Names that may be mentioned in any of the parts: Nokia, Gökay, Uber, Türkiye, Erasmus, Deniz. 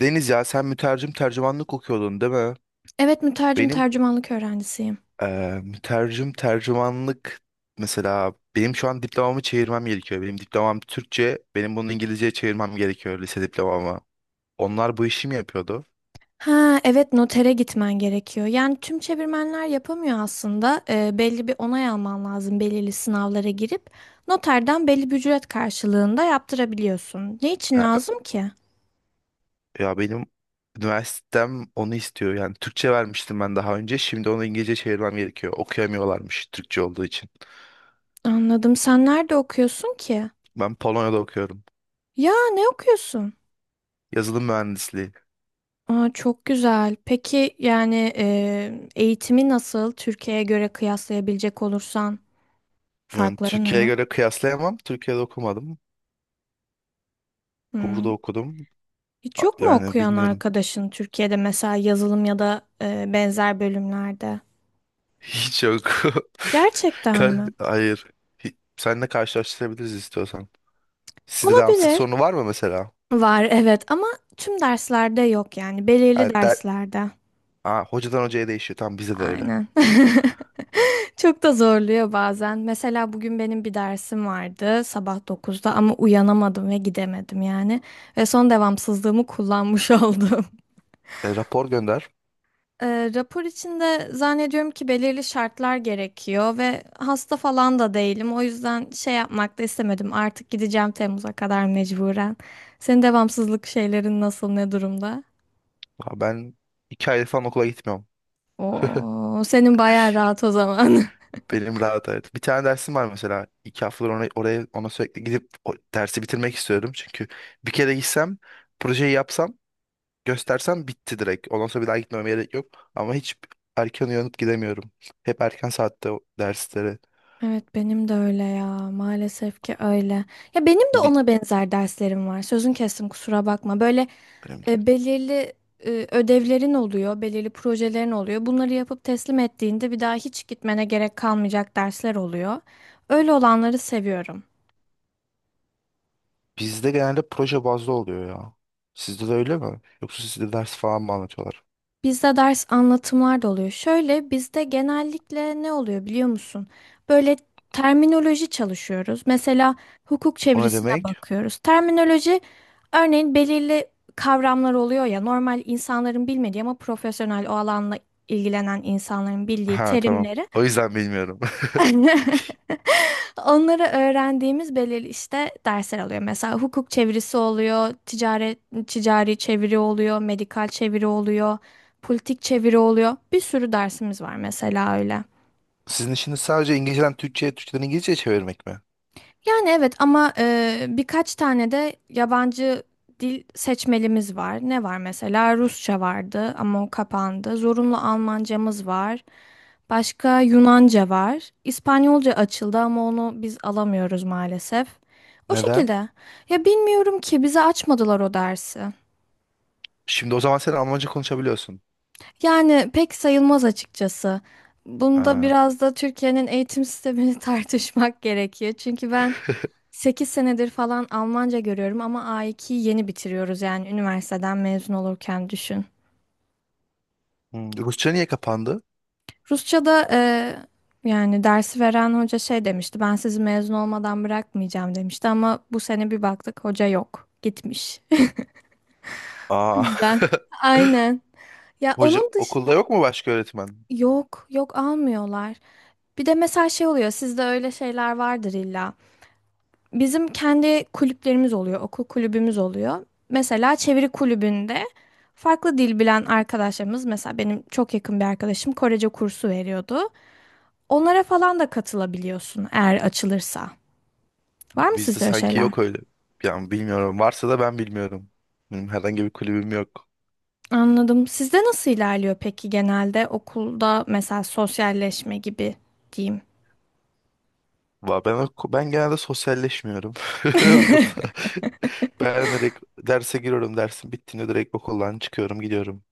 Deniz, ya sen mütercim tercümanlık okuyordun, değil mi? Evet mütercim Benim tercümanlık öğrencisiyim. Mütercim tercümanlık, mesela benim şu an diplomamı çevirmem gerekiyor. Benim diplomam Türkçe, benim bunu İngilizceye çevirmem gerekiyor, lise diplomamı. Onlar bu işi mi yapıyordu? Ha, evet, notere gitmen gerekiyor. Yani tüm çevirmenler yapamıyor aslında. Belli bir onay alman lazım belirli sınavlara girip. Noterden belli bir ücret karşılığında yaptırabiliyorsun. Ne için Ha, lazım ki? ya benim üniversitem onu istiyor. Yani Türkçe vermiştim ben daha önce. Şimdi onu İngilizce çevirmem gerekiyor. Okuyamıyorlarmış Türkçe olduğu için. Anladım. Sen nerede okuyorsun ki? Ben Polonya'da okuyorum. Ya ne okuyorsun? Yazılım mühendisliği. Aa, çok güzel. Peki, yani eğitimi nasıl Türkiye'ye göre kıyaslayabilecek olursan Yani farkları Türkiye'ye ne? göre kıyaslayamam. Türkiye'de okumadım. Burada Hmm, okudum. Hiç yok mu Yani okuyan bilmiyorum. arkadaşın Türkiye'de, mesela yazılım ya da benzer bölümlerde? Hiç yok. Gerçekten mi? Hayır. Seninle karşılaştırabiliriz istiyorsan. Sizde devamsızlık Olabilir. sorunu var mı mesela? Var, evet, ama tüm derslerde yok, yani belirli Evet, der... derslerde. Aa, hocadan hocaya değişiyor. Tamam, bizde de öyle. Aynen. Çok da zorluyor bazen. Mesela bugün benim bir dersim vardı sabah 9'da ama uyanamadım ve gidemedim yani. Ve son devamsızlığımı kullanmış oldum. E, rapor gönder. Rapor içinde zannediyorum ki belirli şartlar gerekiyor ve hasta falan da değilim. O yüzden şey yapmak da istemedim. Artık gideceğim Temmuz'a kadar mecburen. Senin devamsızlık şeylerin nasıl, ne durumda? Aa, ben 2 ay falan okula gitmiyorum. Oo, senin bayağı rahat o zaman. Benim rahat, evet. Bir tane dersim var mesela. İki haftadır ona, oraya, ona sürekli gidip o dersi bitirmek istiyordum. Çünkü bir kere gitsem, projeyi yapsam, göstersem bitti direkt. Ondan sonra bir daha gitmeme gerek yok. Ama hiç erken uyanıp gidemiyorum. Hep erken saatte o derslere. Evet, benim de öyle ya. Maalesef ki öyle. Ya benim de Bi- ona benzer derslerim var. Sözün kestim, kusura bakma. Böyle Önemli değil. Belirli ödevlerin oluyor, belirli projelerin oluyor. Bunları yapıp teslim ettiğinde bir daha hiç gitmene gerek kalmayacak dersler oluyor. Öyle olanları seviyorum. Bizde genelde proje bazlı oluyor ya. Sizde de öyle mi? Yoksa sizde ders falan mı anlatıyorlar? Bizde ders anlatımlar da oluyor. Şöyle, bizde genellikle ne oluyor biliyor musun? Böyle terminoloji çalışıyoruz. Mesela hukuk O ne çevirisine demek? bakıyoruz. Terminoloji, örneğin belirli kavramlar oluyor ya, normal insanların bilmediği ama profesyonel o alanla ilgilenen insanların bildiği Ha, tamam. terimleri. O yüzden bilmiyorum. Onları öğrendiğimiz belirli, işte, dersler oluyor. Mesela hukuk çevirisi oluyor, ticari çeviri oluyor, medikal çeviri oluyor, politik çeviri oluyor. Bir sürü dersimiz var mesela öyle. Sizin işiniz sadece İngilizceden Türkçe'ye, Türkçeden İngilizce'ye çevirmek mi? Yani evet, ama birkaç tane de yabancı dil seçmelimiz var. Ne var mesela? Rusça vardı ama o kapandı. Zorunlu Almancamız var. Başka Yunanca var. İspanyolca açıldı ama onu biz alamıyoruz maalesef. O Neden? şekilde. Ya bilmiyorum ki, bize açmadılar o dersi. Şimdi o zaman sen Almanca konuşabiliyorsun. Yani pek sayılmaz açıkçası. Bunda Ha. biraz da Türkiye'nin eğitim sistemini tartışmak gerekiyor. Çünkü ben 8 senedir falan Almanca görüyorum ama A2'yi yeni bitiriyoruz yani, üniversiteden mezun olurken düşün. Hmm, Rusça niye kapandı? Rusça'da, yani dersi veren hoca şey demişti, ben sizi mezun olmadan bırakmayacağım demişti ama bu sene bir baktık hoca yok, gitmiş. O Aa. yüzden, aynen. Ya, Hoca onun dışında okulda yok mu, başka öğretmen? yok, yok almıyorlar. Bir de mesela şey oluyor, sizde öyle şeyler vardır illa. Bizim kendi kulüplerimiz oluyor, okul kulübümüz oluyor. Mesela çeviri kulübünde farklı dil bilen arkadaşlarımız, mesela benim çok yakın bir arkadaşım Korece kursu veriyordu. Onlara falan da katılabiliyorsun eğer açılırsa. Var mı Bizde sizde öyle sanki şeyler? yok öyle. Yani bilmiyorum. Varsa da ben bilmiyorum. Benim herhangi bir kulübüm yok. Anladım. Sizde nasıl ilerliyor peki, genelde okulda mesela sosyalleşme gibi diyeyim? Ben genelde sosyalleşmiyorum okulda. Ben direkt derse giriyorum. Dersin bittiğinde direkt okuldan çıkıyorum, gidiyorum.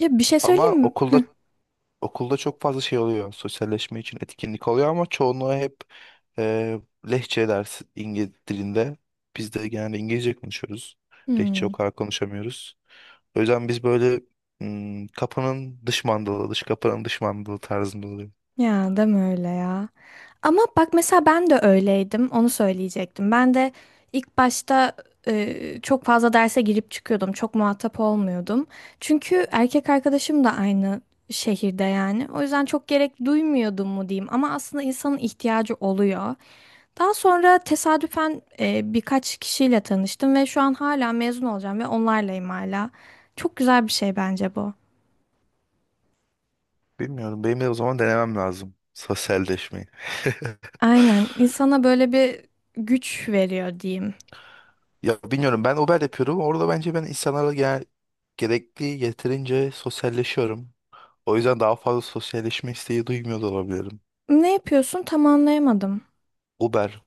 Ya bir şey Ama söyleyeyim mi? okulda, okulda çok fazla şey oluyor. Sosyalleşme için etkinlik oluyor ama çoğunluğu hep Ee, Lehçe dersi İngiliz dilinde. Biz de genelde İngilizce konuşuyoruz. Lehçe o Hmm, kadar konuşamıyoruz. O yüzden biz böyle hmm, kapının dış mandalı, dış kapının dış mandalı tarzında oluyor. Ya deme öyle ya. Ama bak, mesela ben de öyleydim. Onu söyleyecektim. Ben de ilk başta çok fazla derse girip çıkıyordum. Çok muhatap olmuyordum. Çünkü erkek arkadaşım da aynı şehirde yani. O yüzden çok gerek duymuyordum mu diyeyim. Ama aslında insanın ihtiyacı oluyor. Daha sonra tesadüfen birkaç kişiyle tanıştım ve şu an hala mezun olacağım ve onlarlayım hala. Çok güzel bir şey bence bu. Bilmiyorum. Benim de o zaman denemem lazım. Sosyalleşmeyi. Aynen. insana böyle bir güç veriyor diyeyim. Ya bilmiyorum. Ben Uber yapıyorum. Orada bence ben insanlarla gerekli, yeterince sosyalleşiyorum. O yüzden daha fazla sosyalleşme isteği duymuyor da olabilirim. Ne yapıyorsun? Tam anlayamadım. Uber.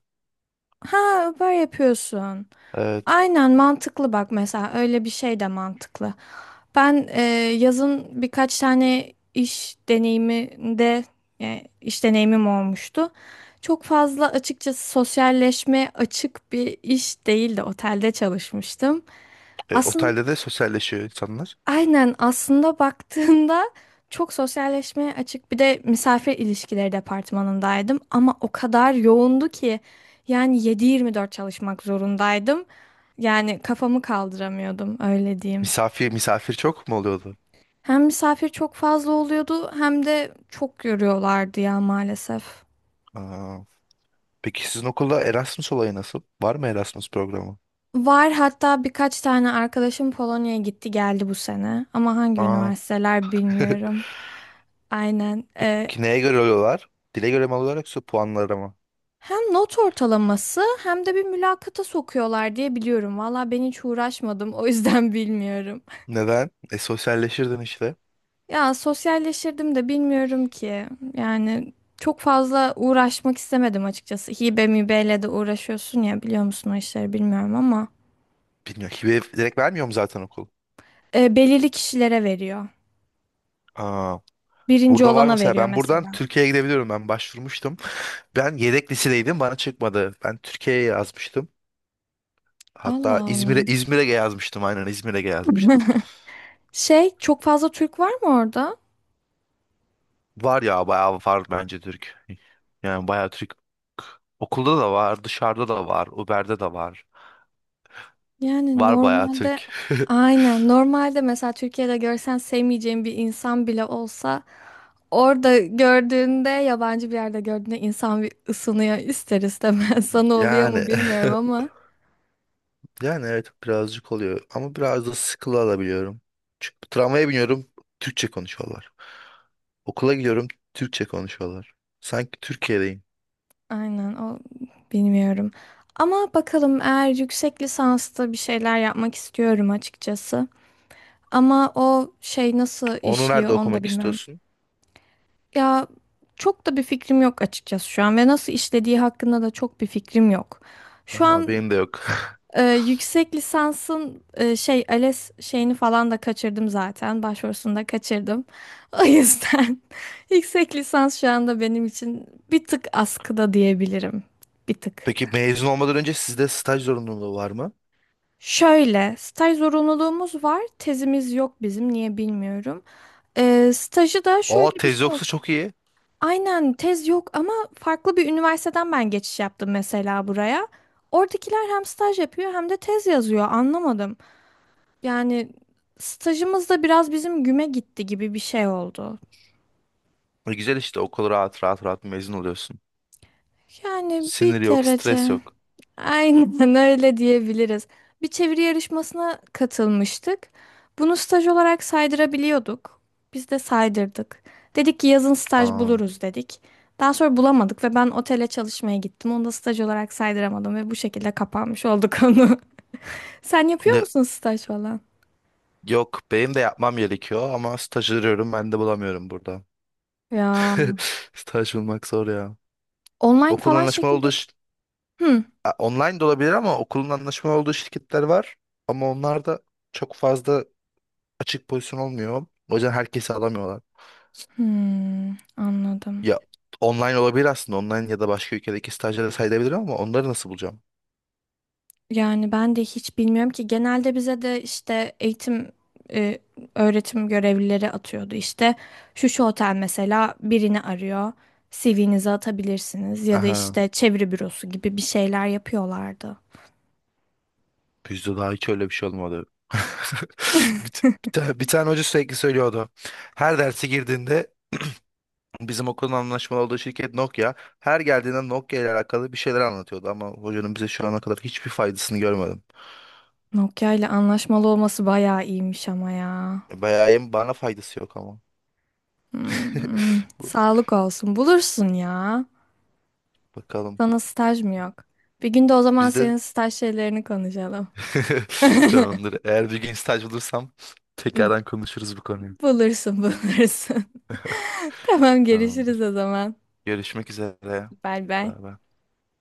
Ha, Uber yapıyorsun. Evet. Aynen, mantıklı. Bak, mesela öyle bir şey de mantıklı. Ben yazın birkaç tane iş deneyimim olmuştu. Çok fazla açıkçası sosyalleşme açık bir iş değildi. Otelde çalışmıştım. E, Aslında. otelde de sosyalleşiyor insanlar. Aynen, aslında baktığında çok sosyalleşmeye açık, bir de misafir ilişkileri departmanındaydım ama o kadar yoğundu ki yani 7-24 çalışmak zorundaydım. Yani kafamı kaldıramıyordum, öyle diyeyim. Misafir, misafir çok mu oluyordu? Hem misafir çok fazla oluyordu hem de çok yoruyorlardı ya, maalesef. Aa, peki sizin okulda Erasmus olayı nasıl? Var mı Erasmus programı? Var, hatta birkaç tane arkadaşım Polonya'ya gitti geldi bu sene ama hangi Aa. üniversiteler bilmiyorum. Aynen. Peki neye göre alıyorlar? Dile göre mi alıyorlar, yoksa puanlara mı? Hem not ortalaması hem de bir mülakata sokuyorlar diye biliyorum. Valla ben hiç uğraşmadım, o yüzden bilmiyorum. Neden? E, sosyalleşirdin işte. Ya sosyalleşirdim de bilmiyorum ki. Yani çok fazla uğraşmak istemedim açıkçası. Hibe mibeyle de uğraşıyorsun ya, biliyor musun, o işleri bilmiyorum ama. Bilmiyorum. Hibe direkt vermiyor mu zaten okul? Belirli kişilere veriyor. Aa, Birinci burada var olana mesela, veriyor ben buradan mesela. Türkiye'ye gidebiliyorum. Ben başvurmuştum. Ben yedek lisedeydim, bana çıkmadı. Ben Türkiye'ye yazmıştım. Hatta Allah İzmir'e, Allah. İzmir'e yazmıştım, aynen İzmir'e yazmıştım. Şey, çok fazla Türk var mı orada? Var ya, bayağı var bence Türk. Yani bayağı Türk. Okulda da var, dışarıda da var, Uber'de de var. Yani Var bayağı Türk. Normalde, mesela Türkiye'de görsen sevmeyeceğin bir insan bile olsa orada gördüğünde, yabancı bir yerde gördüğünde insan bir ısınıyor ister istemez. Sana oluyor Yani, mu bilmiyorum ama yani evet, birazcık oluyor ama biraz da sıkılı alabiliyorum. Çünkü tramvaya biniyorum, Türkçe konuşuyorlar. Okula gidiyorum, Türkçe konuşuyorlar. Sanki Türkiye'deyim. aynen, o, bilmiyorum. Ama bakalım, eğer yüksek lisansta bir şeyler yapmak istiyorum açıkçası. Ama o şey nasıl Onu nerede işliyor onu da okumak bilmiyorum. istiyorsun? Ya çok da bir fikrim yok açıkçası şu an, ve nasıl işlediği hakkında da çok bir fikrim yok. Şu Aha, an. benim de yok. Yüksek lisansın, şey, ALES şeyini falan da kaçırdım zaten. Başvurusunu da kaçırdım. O yüzden yüksek lisans şu anda benim için bir tık askıda diyebilirim. Bir tık. Peki mezun olmadan önce sizde staj zorunluluğu var mı? Şöyle, staj zorunluluğumuz var. Tezimiz yok bizim. Niye bilmiyorum. Stajı da Aa, şöyle bir tez şey oldu. yoksa çok iyi. Aynen, tez yok ama farklı bir üniversiteden ben geçiş yaptım mesela buraya. Oradakiler hem staj yapıyor hem de tez yazıyor. Anlamadım. Yani stajımız da biraz bizim güme gitti gibi bir şey oldu. E, güzel işte, okul rahat rahat rahat mezun oluyorsun. Yani bir Sinir yok, derece. stres yok. Aynen, öyle diyebiliriz. Bir çeviri yarışmasına katılmıştık. Bunu staj olarak saydırabiliyorduk. Biz de saydırdık. Dedik ki yazın staj Aa, buluruz dedik. Daha sonra bulamadık ve ben otele çalışmaya gittim. Onu da staj olarak saydıramadım ve bu şekilde kapanmış oldu konu. Sen yapıyor ne, musun staj falan? yok, benim de yapmam gerekiyor ama staj arıyorum, ben de bulamıyorum burada. Ya Staj bulmak zor ya. online Okulun falan anlaşmalı olduğu şekilde. şir- Hmm. A, online de olabilir ama okulun anlaşmalı olduğu şirketler var. Ama onlar da çok fazla açık pozisyon olmuyor. O yüzden herkesi alamıyorlar. Anladım. Ya, online olabilir aslında. Online ya da başka ülkedeki stajyere sayılabilir ama onları nasıl bulacağım? Yani ben de hiç bilmiyorum ki, genelde bize de işte e, öğretim görevlileri atıyordu, işte şu şu otel mesela birini arıyor, CV'nizi atabilirsiniz ya da Aha. işte çeviri bürosu gibi bir şeyler yapıyorlardı. Bizde daha hiç öyle bir şey olmadı. Bir tane hoca sürekli söylüyordu. Her derse girdiğinde bizim okulun anlaşmalı olduğu şirket Nokia. Her geldiğinde Nokia ile alakalı bir şeyler anlatıyordu ama hocanın bize şu ana kadar hiçbir faydasını görmedim. Nokia ile anlaşmalı olması bayağı iyiymiş ama ya. Bayağı, hem bana faydası yok ama. Bu- Sağlık olsun, bulursun ya. Bakalım. Sana staj mı yok? Bir gün de o zaman Bizde senin staj şeylerini konuşalım. tamamdır. Eğer bir gün staj bulursam tekrardan konuşuruz bu konuyu. Bulursun, bulursun. Tamam, görüşürüz Tamamdır. o zaman. Görüşmek üzere. Bay bay. Bay bay.